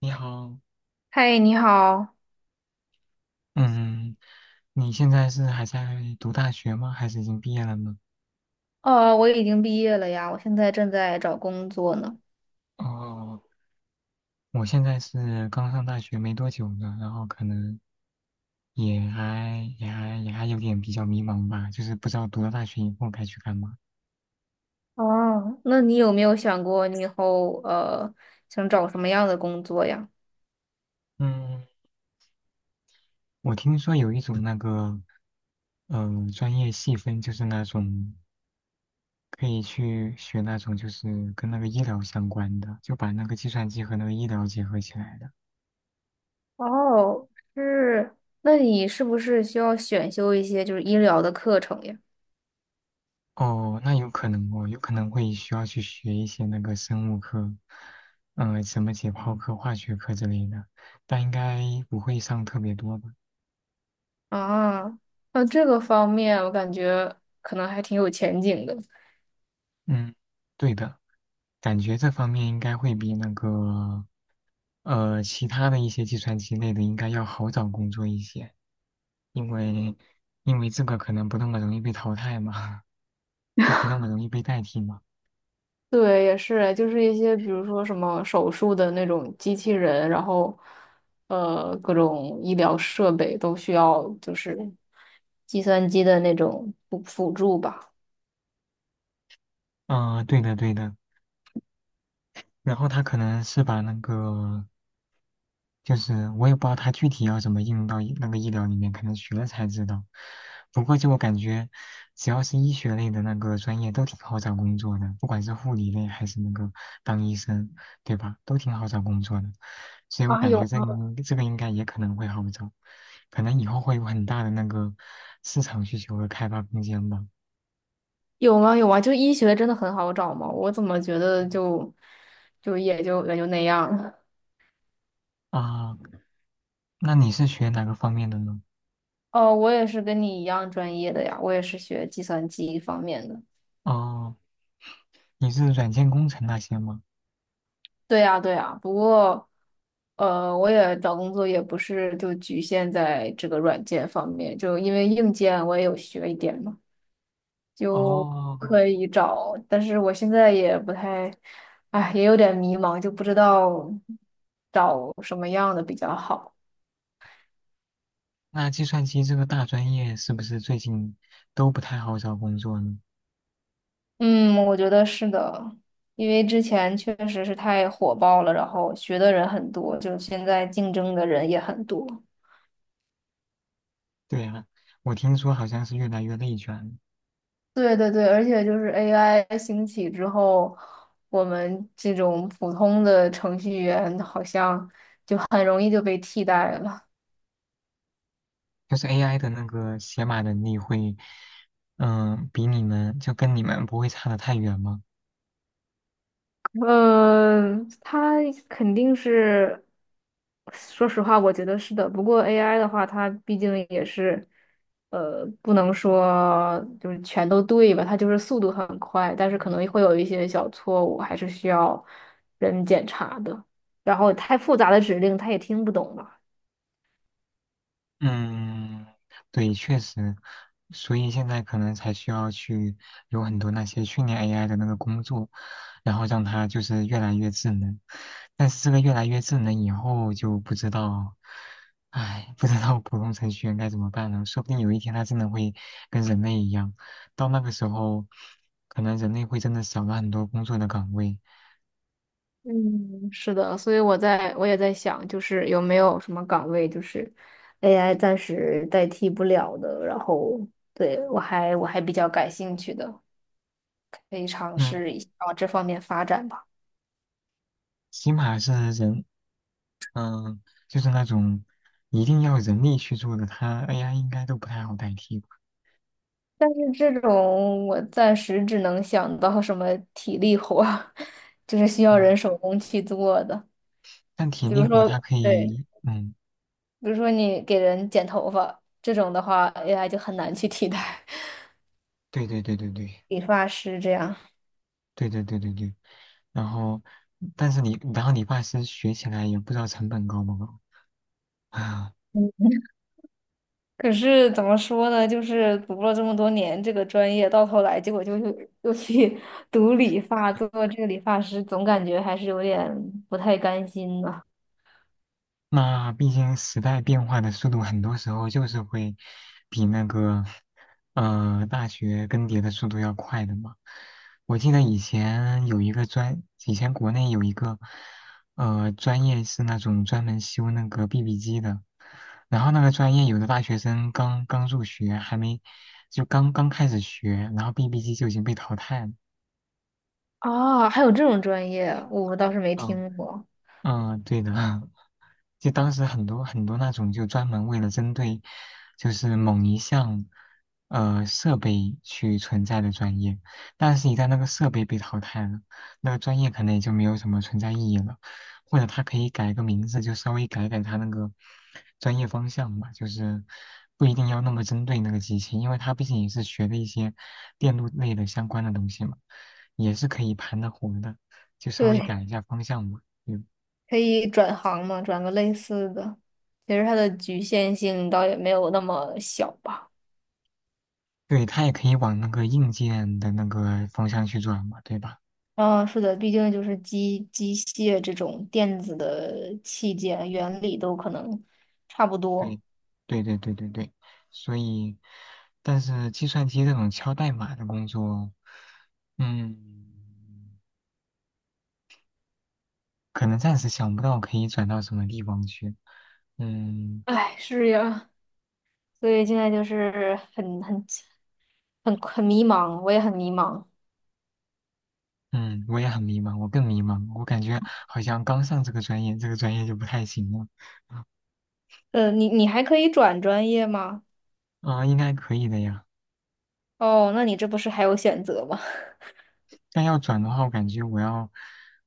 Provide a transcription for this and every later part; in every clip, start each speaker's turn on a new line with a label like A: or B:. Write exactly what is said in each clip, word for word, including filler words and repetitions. A: 你好，
B: 嗨，你好。
A: 嗯，你现在是还在读大学吗？还是已经毕业了呢？
B: 哦，我已经毕业了呀，我现在正在找工作呢。
A: 哦，我现在是刚上大学没多久呢，然后可能也还也还也还有点比较迷茫吧，就是不知道读了大学以后该去干嘛。
B: 哦，那你有没有想过你以后呃想找什么样的工作呀？
A: 嗯，我听说有一种那个，呃，专业细分，就是那种可以去学那种就是跟那个医疗相关的，就把那个计算机和那个医疗结合起来的。
B: 哦，是，那你是不是需要选修一些就是医疗的课程呀？
A: 哦，那有可能哦，有可能会需要去学一些那个生物课，嗯、什么解剖课、化学课之类的，但应该不会上特别多吧？
B: 啊，那这个方面我感觉可能还挺有前景的。
A: 嗯，对的，感觉这方面应该会比那个，呃，其他的一些计算机类的应该要好找工作一些，因为因为这个可能不那么容易被淘汰嘛，就不那么容易被代替嘛。
B: 对，也是，就是一些比如说什么手术的那种机器人，然后呃各种医疗设备都需要就是计算机的那种辅辅助吧。
A: 嗯、对的对的，然后他可能是把那个。就是我也不知道它具体要怎么应用到医那个医疗里面，可能学了才知道。不过就我感觉，只要是医学类的那个专业都挺好找工作的，不管是护理类还是那个当医生，对吧？都挺好找工作的。所以我
B: 啊，
A: 感觉
B: 有
A: 这
B: 吗？
A: 个应这个应该也可能会好找，可能以后会有很大的那个市场需求和开发空间吧。
B: 有吗？有啊！就医学真的很好找吗？我怎么觉得就就也就也就那样了。
A: 啊，那你是学哪个方面的呢？
B: 哦，我也是跟你一样专业的呀，我也是学计算机方面的。
A: 哦，你是软件工程那些吗？
B: 对呀，对呀，不过，呃，我也找工作也不是就局限在这个软件方面，就因为硬件我也有学一点嘛，就
A: 哦，
B: 可以找。但是我现在也不太，哎，也有点迷茫，就不知道找什么样的比较好。
A: 那计算机这个大专业是不是最近都不太好找工作呢？
B: 嗯，我觉得是的，因为之前确实是太火爆了，然后学的人很多，就现在竞争的人也很多。
A: 对啊，我听说好像是越来越内卷，
B: 对对对，而且就是 A I 兴起之后，我们这种普通的程序员好像就很容易就被替代了。
A: 就是 A I 的那个写码能力会，嗯、比你们就跟你们不会差得太远吗？
B: 嗯，它肯定是，说实话，我觉得是的。不过 A I 的话，它毕竟也是，呃，不能说就是全都对吧？它就是速度很快，但是可能会有一些小错误，还是需要人检查的。然后太复杂的指令，它也听不懂嘛。
A: 嗯，对，确实，所以现在可能才需要去有很多那些训练 A I 的那个工作，然后让它就是越来越智能。但是这个越来越智能以后就不知道，唉，不知道普通程序员该怎么办了。说不定有一天它真的会跟人类一样，到那个时候，可能人类会真的少了很多工作的岗位。
B: 嗯，是的，所以我在我也在想，就是有没有什么岗位就是 A I 暂时代替不了的，然后对我还我还比较感兴趣的，可以尝
A: 嗯，
B: 试一下往这方面发展吧。
A: 起码是人嗯，就是那种一定要人力去做的，它 A I 应该都不太好代替吧。
B: 但是这种我暂时只能想到什么体力活儿 就是需要
A: 嗯，
B: 人手工去做的，
A: 但体
B: 比如
A: 力活
B: 说
A: 它可
B: 对，
A: 以，嗯，
B: 比如说你给人剪头发这种的话，A I 就很难去替代
A: 对对对对对
B: 理发师这样。
A: 对对对对对。然后，但是你，然后理发师学起来也不知道成本高不高。啊。
B: 嗯，可是怎么说呢？就是读了这么多年这个专业，到头来结果就又又去 读理发，做这个理发师，总感觉还是有点不太甘心呢。
A: 那毕竟时代变化的速度，很多时候就是会比那个呃大学更迭的速度要快的嘛。我记得以前有一个专，以前国内有一个呃专业是那种专门修那个 B B 机的，然后那个专业有的大学生刚刚入学，还没就刚刚开始学，然后 B B 机就已经被淘汰了。
B: 啊，还有这种专业，我倒是没
A: 嗯
B: 听过。
A: 嗯，对的啊，就当时很多很多那种就专门为了针对就是某一项呃设备去存在的专业，但是一旦那个设备被淘汰了，那个专业可能也就没有什么存在意义了，或者它可以改个名字，就稍微改改它那个专业方向嘛，就是不一定要那么针对那个机器，因为它毕竟也是学的一些电路类的相关的东西嘛，也是可以盘得活的，就稍微
B: 对，
A: 改一下方向嘛。嗯
B: 可以转行嘛，转个类似的。其实它的局限性倒也没有那么小吧。
A: 对，它也可以往那个硬件的那个方向去转嘛，对吧？
B: 嗯，是的，毕竟就是机机械这种电子的器件，原理都可能差不多。
A: 对，对对对对对。所以，但是计算机这种敲代码的工作，嗯，可能暂时想不到可以转到什么地方去。嗯
B: 哎，是呀。所以现在就是很很很很迷茫，我也很迷茫。
A: 嗯，我也很迷茫，我更迷茫，我感觉好像刚上这个专业，这个专业就不太行了。
B: 呃，你你还可以转专业吗？
A: 啊、应该可以的呀。
B: 哦，那你这不是还有选择吗？
A: 但要转的话，我感觉我要，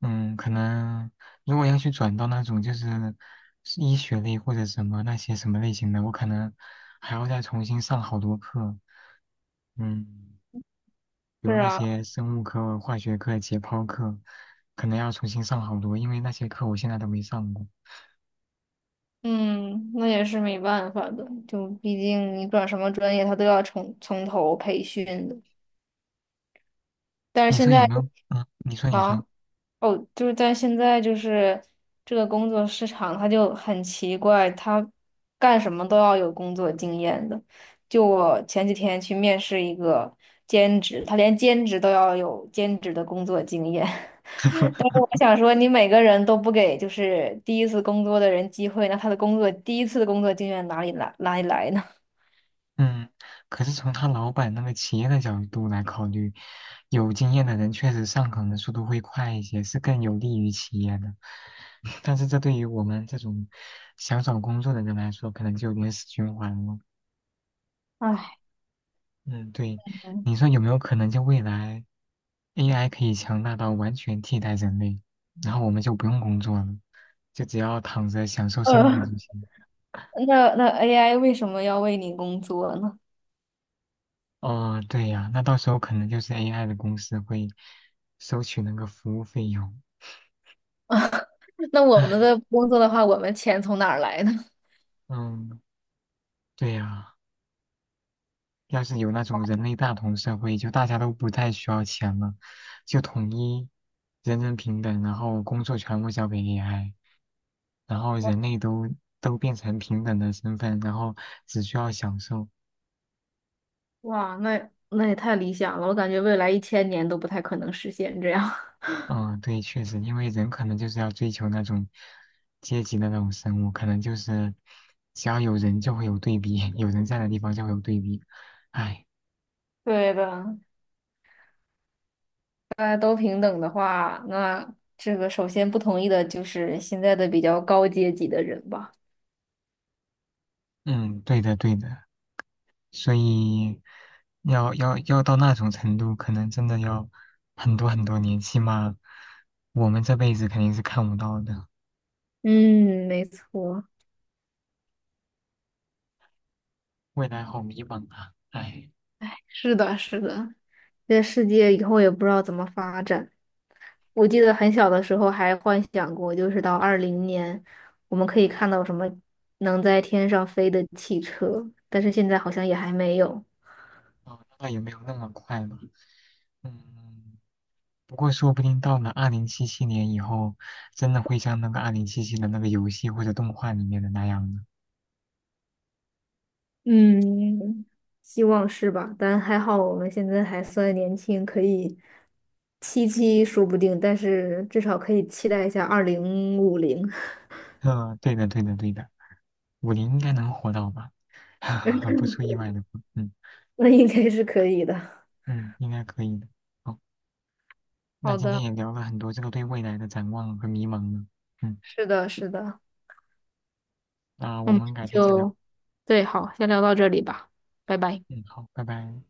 A: 嗯，可能如果要去转到那种就是是医学类或者什么那些什么类型的，我可能还要再重新上好多课，嗯，比
B: 是
A: 如那
B: 啊，
A: 些生物课、化学课、解剖课，可能要重新上好多，因为那些课我现在都没上过。
B: 嗯，那也是没办法的，就毕竟你转什么专业，他都要从从头培训的。但是
A: 你
B: 现
A: 说有
B: 在
A: 没有？嗯，你说你说。
B: 啊。哦，就是但现在就是这个工作市场，它就很奇怪，它干什么都要有工作经验的。就我前几天去面试一个兼职，他连兼职都要有兼职的工作经验。但是我想说，你每个人都不给就是第一次工作的人机会，那他的工作第一次的工作经验哪里来哪里来呢？
A: 嗯，可是从他老板那个企业的角度来考虑，有经验的人确实上岗的速度会快一些，是更有利于企业的。但是这对于我们这种想找工作的人来说，可能就有点死循环了。
B: 唉，
A: 嗯，对，
B: 嗯，
A: 你说有没有可能就未来 A I 可以强大到完全替代人类，然后我们就不用工作了，就只要躺着享受生活
B: 呃，
A: 就行。
B: 那那 A I 为什么要为你工作呢？
A: 哦，对呀，那到时候可能就是 A I 的公司会收取那个服务费用。
B: 那我们
A: 唉，
B: 的工作的话，我们钱从哪儿来呢？
A: 嗯，对呀，要是有那种人类大同社会，就大家都不太需要钱了，就统一人人平等，然后工作全部交给 A I，然后 人类都都变成平等的身份，然后只需要享受，
B: 哇，那那也太理想了，我感觉未来一千年都不太可能实现这样。
A: 嗯，对，确实，因为人可能就是要追求那种阶级的那种生物，可能就是只要有人就会有对比，有人在的地方就会有对比。哎，
B: 对的，大家都平等的话，那这个首先不同意的就是现在的比较高阶级的人吧。
A: 嗯，对的，对的，所以要要要到那种程度，可能真的要很多很多年，起码我们这辈子肯定是看不到的。
B: 嗯，没错，
A: 未来好迷茫啊，哎，
B: 是的，是的，这世界以后也不知道怎么发展。我记得很小的时候还幻想过，就是到二零年，我们可以看到什么能在天上飞的汽车，但是现在好像也还没有。
A: 哦那也没有那么快吧，嗯。不过说不定到了二零七七年以后，真的会像那个二零七七的那个游戏或者动画里面的那样呢。
B: 嗯，希望是吧？但还好我们现在还算年轻，可以七七说不定，但是至少可以期待一下二零五零。
A: 嗯，对的，对的，对的，五零应该能活到吧？不出意外的话，嗯
B: 那应该是可以的。
A: 嗯，应该可以的。好，那
B: 好
A: 今天
B: 的，
A: 也聊了很多这个对未来的展望和迷茫呢。嗯，
B: 是的，是的，
A: 那我
B: 我们
A: 们改天再聊。
B: 就，对，好，先聊到这里吧，拜拜。
A: 嗯，好，拜拜。